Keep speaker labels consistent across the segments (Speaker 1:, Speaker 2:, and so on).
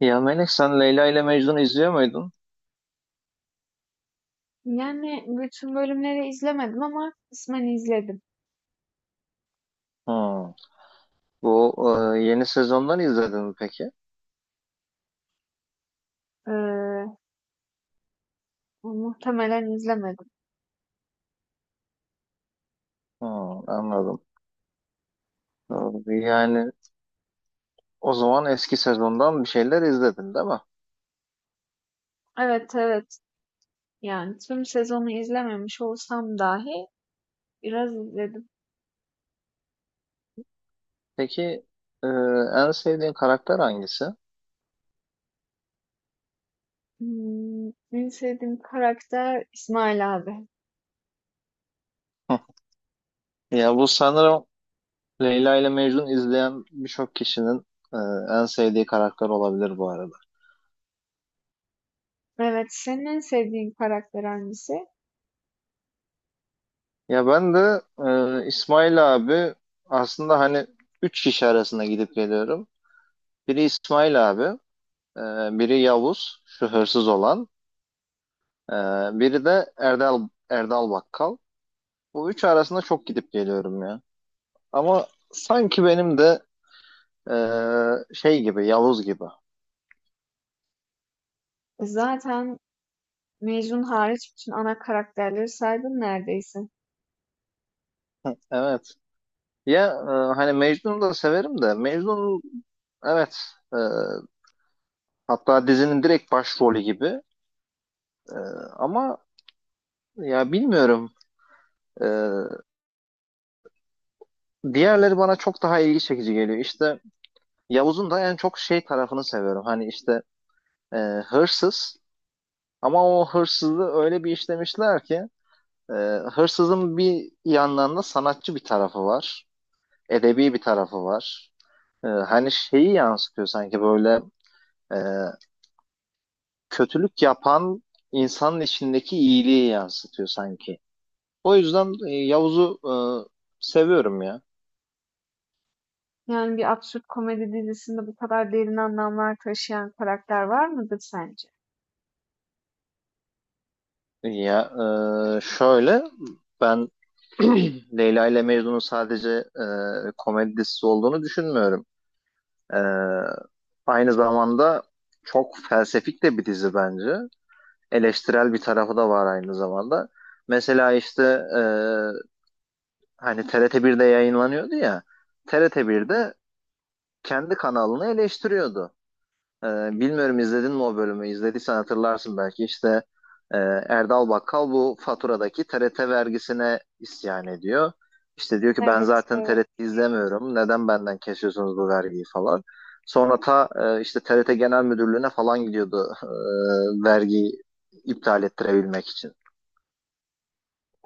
Speaker 1: Ya Melek, sen Leyla ile Mecnun izliyor muydun?
Speaker 2: Yani, bütün bölümleri izlemedim ama kısmen izledim.
Speaker 1: Hmm. Bu Yeni sezondan izledin mi peki?
Speaker 2: Eee, muhtemelen izlemedim.
Speaker 1: Hmm, anladım. Yani o zaman eski sezondan bir şeyler izledin, değil mi?
Speaker 2: Evet, evet. Yani tüm sezonu izlememiş olsam dahi biraz izledim.
Speaker 1: Peki, e, en sevdiğin karakter hangisi?
Speaker 2: En sevdiğim karakter İsmail abi.
Speaker 1: Hı. Ya bu sanırım Leyla ile Mecnun izleyen birçok kişinin e, en sevdiği karakter olabilir bu arada.
Speaker 2: Evet, senin en sevdiğin karakter hangisi?
Speaker 1: Ya ben de İsmail abi, aslında hani üç kişi arasında gidip geliyorum. Biri İsmail abi. Ee, Biri Yavuz, şu hırsız olan. Ee, Biri de Erdal, Erdal Bakkal. Bu üç arasında çok gidip geliyorum ya. Ama sanki benim de şey gibi, Yavuz gibi.
Speaker 2: Zaten Mecnun hariç bütün ana karakterleri saydın neredeyse.
Speaker 1: Evet. Hani Mecnun'u da severim de Mecnun, evet, e, hatta dizinin direkt başrolü gibi. E, Ama ya bilmiyorum. E, Diğerleri bana çok daha ilgi çekici geliyor. İşte Yavuz'un da en çok şey tarafını seviyorum. Hani işte e, hırsız. Ama o hırsızı öyle bir işlemişler ki e, hırsızın bir yandan da sanatçı bir tarafı var. Edebi bir tarafı var. Hani şeyi yansıtıyor sanki, böyle e, kötülük yapan insanın içindeki iyiliği yansıtıyor sanki. O yüzden Yavuz'u seviyorum ya.
Speaker 2: Yani bir absürt komedi dizisinde bu kadar derin anlamlar taşıyan karakter var mıdır sence?
Speaker 1: Ya Şöyle, ben Leyla ile Mecnun'un sadece komedi dizisi olduğunu düşünmüyorum. Ee, Aynı zamanda çok felsefik de bir dizi bence. Eleştirel bir tarafı da var aynı zamanda. Mesela işte e, hani TRT birde yayınlanıyordu ya. TRT
Speaker 2: Hı hı.
Speaker 1: birde kendi kanalını eleştiriyordu. Ee, Bilmiyorum, izledin mi o bölümü? İzlediysen hatırlarsın belki. İşte e, Erdal Bakkal bu faturadaki TRT vergisine isyan ediyor. İşte diyor ki, ben
Speaker 2: Evet,
Speaker 1: zaten
Speaker 2: evet.
Speaker 1: TRT izlemiyorum. Neden benden kesiyorsunuz bu vergiyi falan. Sonra işte TRT Genel Müdürlüğü'ne falan gidiyordu, vergiyi iptal ettirebilmek için.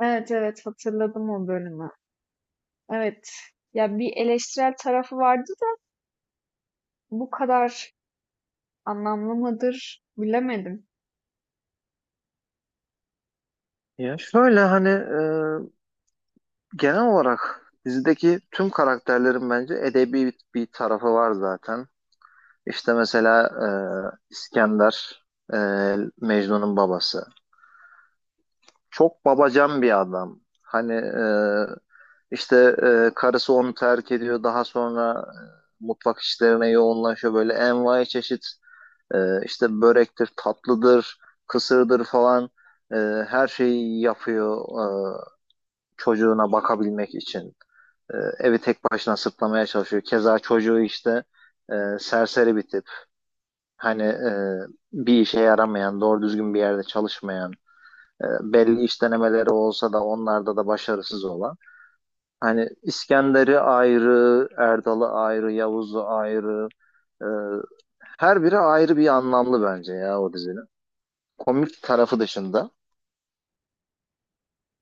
Speaker 2: Evet, evet, hatırladım o bölümü. Evet. Ya bir eleştirel tarafı vardı da bu kadar anlamlı mıdır bilemedim.
Speaker 1: Ya şöyle, hani genel olarak dizideki tüm karakterlerin bence edebi bir tarafı var zaten. İşte mesela İskender, e, Mecnun'un babası. Çok babacan bir adam. Hani işte karısı onu terk ediyor. Daha sonra mutfak işlerine yoğunlaşıyor. Böyle envai çeşit işte börektir, tatlıdır, kısırdır falan, e, her şeyi yapıyor. E, Çocuğuna bakabilmek için evi tek başına sırtlamaya çalışıyor. Keza çocuğu işte e, serseri bir tip. Hani bir işe yaramayan, doğru düzgün bir yerde çalışmayan, belli iş denemeleri olsa da onlarda da başarısız olan. Hani İskender'i ayrı, Erdal'ı ayrı, Yavuz'u ayrı. e, Her biri ayrı bir anlamlı bence ya o dizinin. Komik tarafı dışında.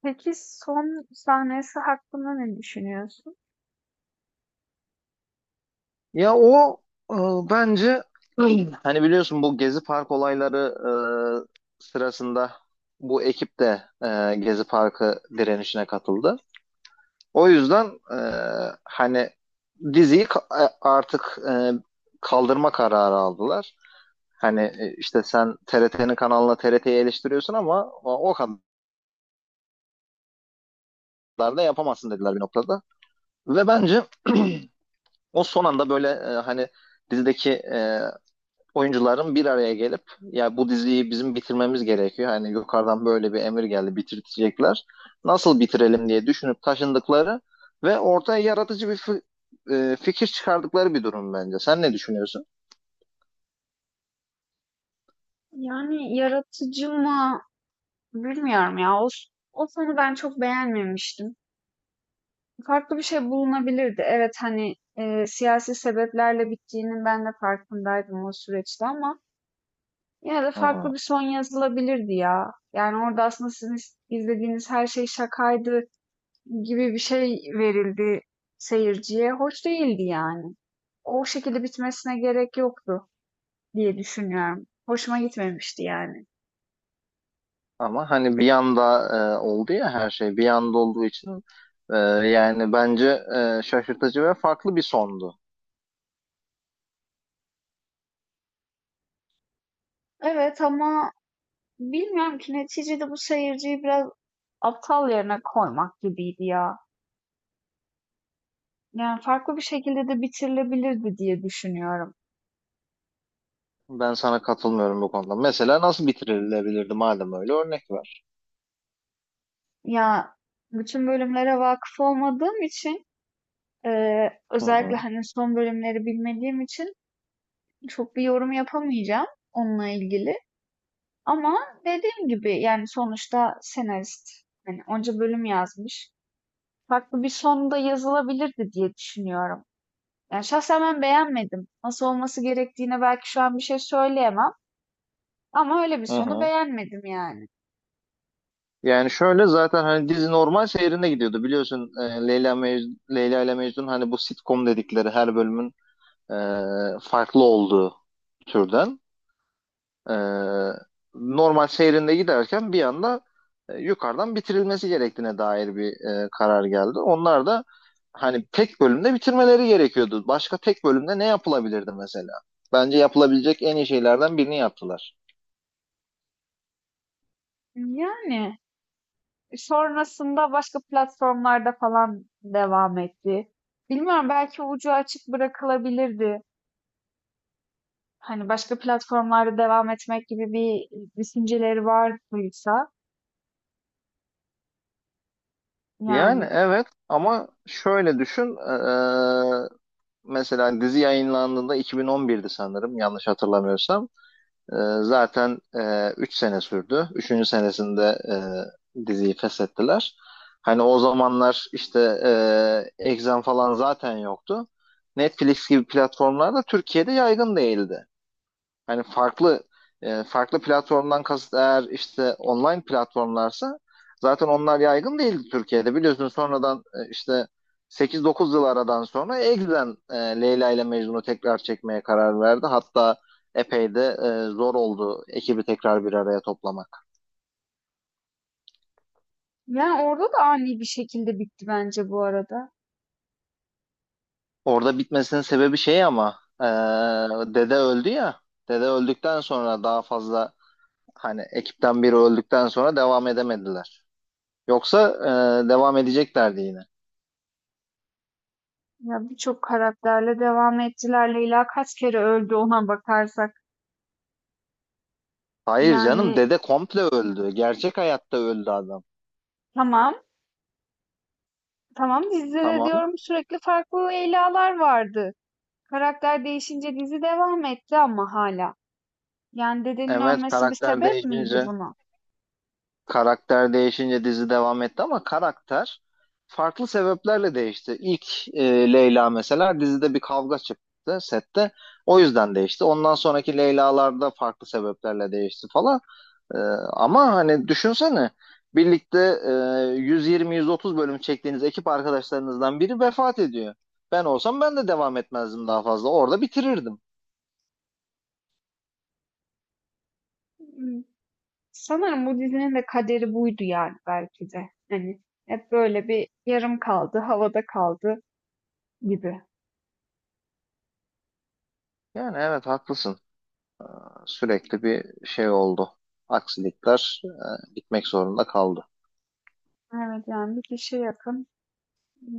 Speaker 2: Peki son sahnesi hakkında ne düşünüyorsun?
Speaker 1: Ya o e, bence, hani biliyorsun, bu Gezi Park olayları sırasında bu ekip de Gezi Parkı direnişine katıldı. O yüzden e, hani diziyi kaldırma kararı aldılar. Hani işte sen TRT'nin kanalına TRT'yi eleştiriyorsun ama o kadar da yapamazsın dediler bir noktada. Ve bence o son anda böyle, hani dizideki oyuncuların bir araya gelip ya bu diziyi bizim bitirmemiz gerekiyor. Hani yukarıdan böyle bir emir geldi, bitirecekler. Nasıl bitirelim diye düşünüp taşındıkları ve ortaya yaratıcı bir fikir çıkardıkları bir durum bence. Sen ne düşünüyorsun?
Speaker 2: Yani yaratıcı mı bilmiyorum ya. O, o sonu ben çok beğenmemiştim. Farklı bir şey bulunabilirdi. Evet hani e, siyasi sebeplerle bittiğinin ben de farkındaydım o süreçte ama yine de
Speaker 1: Hı
Speaker 2: farklı
Speaker 1: hı.
Speaker 2: bir son yazılabilirdi ya. Yani orada aslında sizin izlediğiniz her şey şakaydı gibi bir şey verildi seyirciye. Hoş değildi yani. O şekilde bitmesine gerek yoktu diye düşünüyorum. Hoşuma gitmemişti yani.
Speaker 1: Ama hani bir anda oldu ya, her şey bir anda olduğu için e, yani bence şaşırtıcı ve farklı bir sondu.
Speaker 2: Evet ama bilmiyorum ki neticede bu seyirciyi biraz aptal yerine koymak gibiydi ya. Yani farklı bir şekilde de bitirilebilirdi diye düşünüyorum.
Speaker 1: Ben sana katılmıyorum bu konuda. Mesela nasıl bitirilebilirdi madem, öyle örnek var.
Speaker 2: Ya bütün bölümlere vakıf olmadığım için
Speaker 1: Hı
Speaker 2: özellikle
Speaker 1: hı.
Speaker 2: hani son bölümleri bilmediğim için çok bir yorum yapamayacağım onunla ilgili. Ama dediğim gibi yani sonuçta senarist hani onca bölüm yazmış. Farklı bir sonda yazılabilirdi diye düşünüyorum. Yani şahsen ben beğenmedim. Nasıl olması gerektiğine belki şu an bir şey söyleyemem. Ama öyle bir
Speaker 1: Hı
Speaker 2: sonu
Speaker 1: hı.
Speaker 2: beğenmedim yani.
Speaker 1: Yani şöyle, zaten hani dizi normal seyrinde gidiyordu, biliyorsun, Leyla Mecnun, Leyla ile Mecnun, hani bu sitcom dedikleri, her bölümün e, farklı olduğu türden e, normal seyrinde giderken bir anda yukarıdan bitirilmesi gerektiğine dair bir karar geldi. Onlar da hani tek bölümde bitirmeleri gerekiyordu. Başka tek bölümde ne yapılabilirdi mesela? Bence yapılabilecek en iyi şeylerden birini yaptılar.
Speaker 2: Yani sonrasında başka platformlarda falan devam etti. Bilmiyorum belki ucu açık bırakılabilirdi. Hani başka platformlarda devam etmek gibi bir düşünceleri vardıysa
Speaker 1: Yani
Speaker 2: yani.
Speaker 1: evet, ama şöyle düşün, e, mesela dizi yayınlandığında 2011'di sanırım, yanlış hatırlamıyorsam. Ee, Zaten 3 sene sürdü. Üçüncü senesinde diziyi feshettiler. Hani o zamanlar işte Exxen falan zaten yoktu. Netflix gibi platformlar da Türkiye'de yaygın değildi. Hani farklı platformdan kasıt eğer işte online platformlarsa, zaten onlar yaygın değildi Türkiye'de. Biliyorsun, sonradan işte 8-9 yıl aradan sonra Egzen Leyla ile Mecnun'u tekrar çekmeye karar verdi. Hatta epey de zor oldu ekibi tekrar bir araya toplamak.
Speaker 2: Yani orada da ani bir şekilde bitti bence bu arada.
Speaker 1: Orada bitmesinin sebebi şey ama, dede öldü ya. Dede öldükten sonra daha fazla, hani ekipten biri öldükten sonra devam edemediler. Yoksa devam edeceklerdi yine.
Speaker 2: Ya birçok karakterle devam ettiler. Leyla kaç kere öldü ona bakarsak.
Speaker 1: Hayır canım,
Speaker 2: Yani
Speaker 1: dede komple öldü. Gerçek hayatta öldü adam.
Speaker 2: tamam tamam dizide de
Speaker 1: Tamam.
Speaker 2: diyorum sürekli farklı Leyla'lar vardı. Karakter değişince dizi devam etti ama hala. Yani dedenin
Speaker 1: Evet,
Speaker 2: ölmesi bir
Speaker 1: karakter
Speaker 2: sebep miydi
Speaker 1: değişince
Speaker 2: buna?
Speaker 1: karakter değişince dizi devam etti ama karakter farklı sebeplerle değişti. İlk Leyla mesela, dizide bir kavga çıktı sette. O yüzden değişti. Ondan sonraki Leyla'larda farklı sebeplerle değişti falan. E, Ama hani düşünsene, birlikte e, 120-130 bölüm çektiğiniz ekip arkadaşlarınızdan biri vefat ediyor. Ben olsam ben de devam etmezdim daha fazla. Orada bitirirdim.
Speaker 2: Sanırım bu dizinin de kaderi buydu yani belki de. Hani hep böyle bir yarım kaldı, havada kaldı gibi.
Speaker 1: Yani evet, haklısın. Sürekli bir şey oldu. Aksilikler, gitmek zorunda kaldı.
Speaker 2: Evet yani bir kişi yakın hı,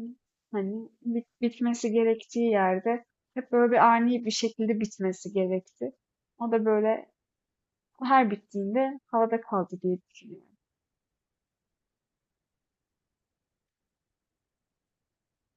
Speaker 2: hani bitmesi gerektiği yerde hep böyle bir ani bir şekilde bitmesi gerekti. O da böyle her bittiğinde havada kaldı diye düşünüyorum.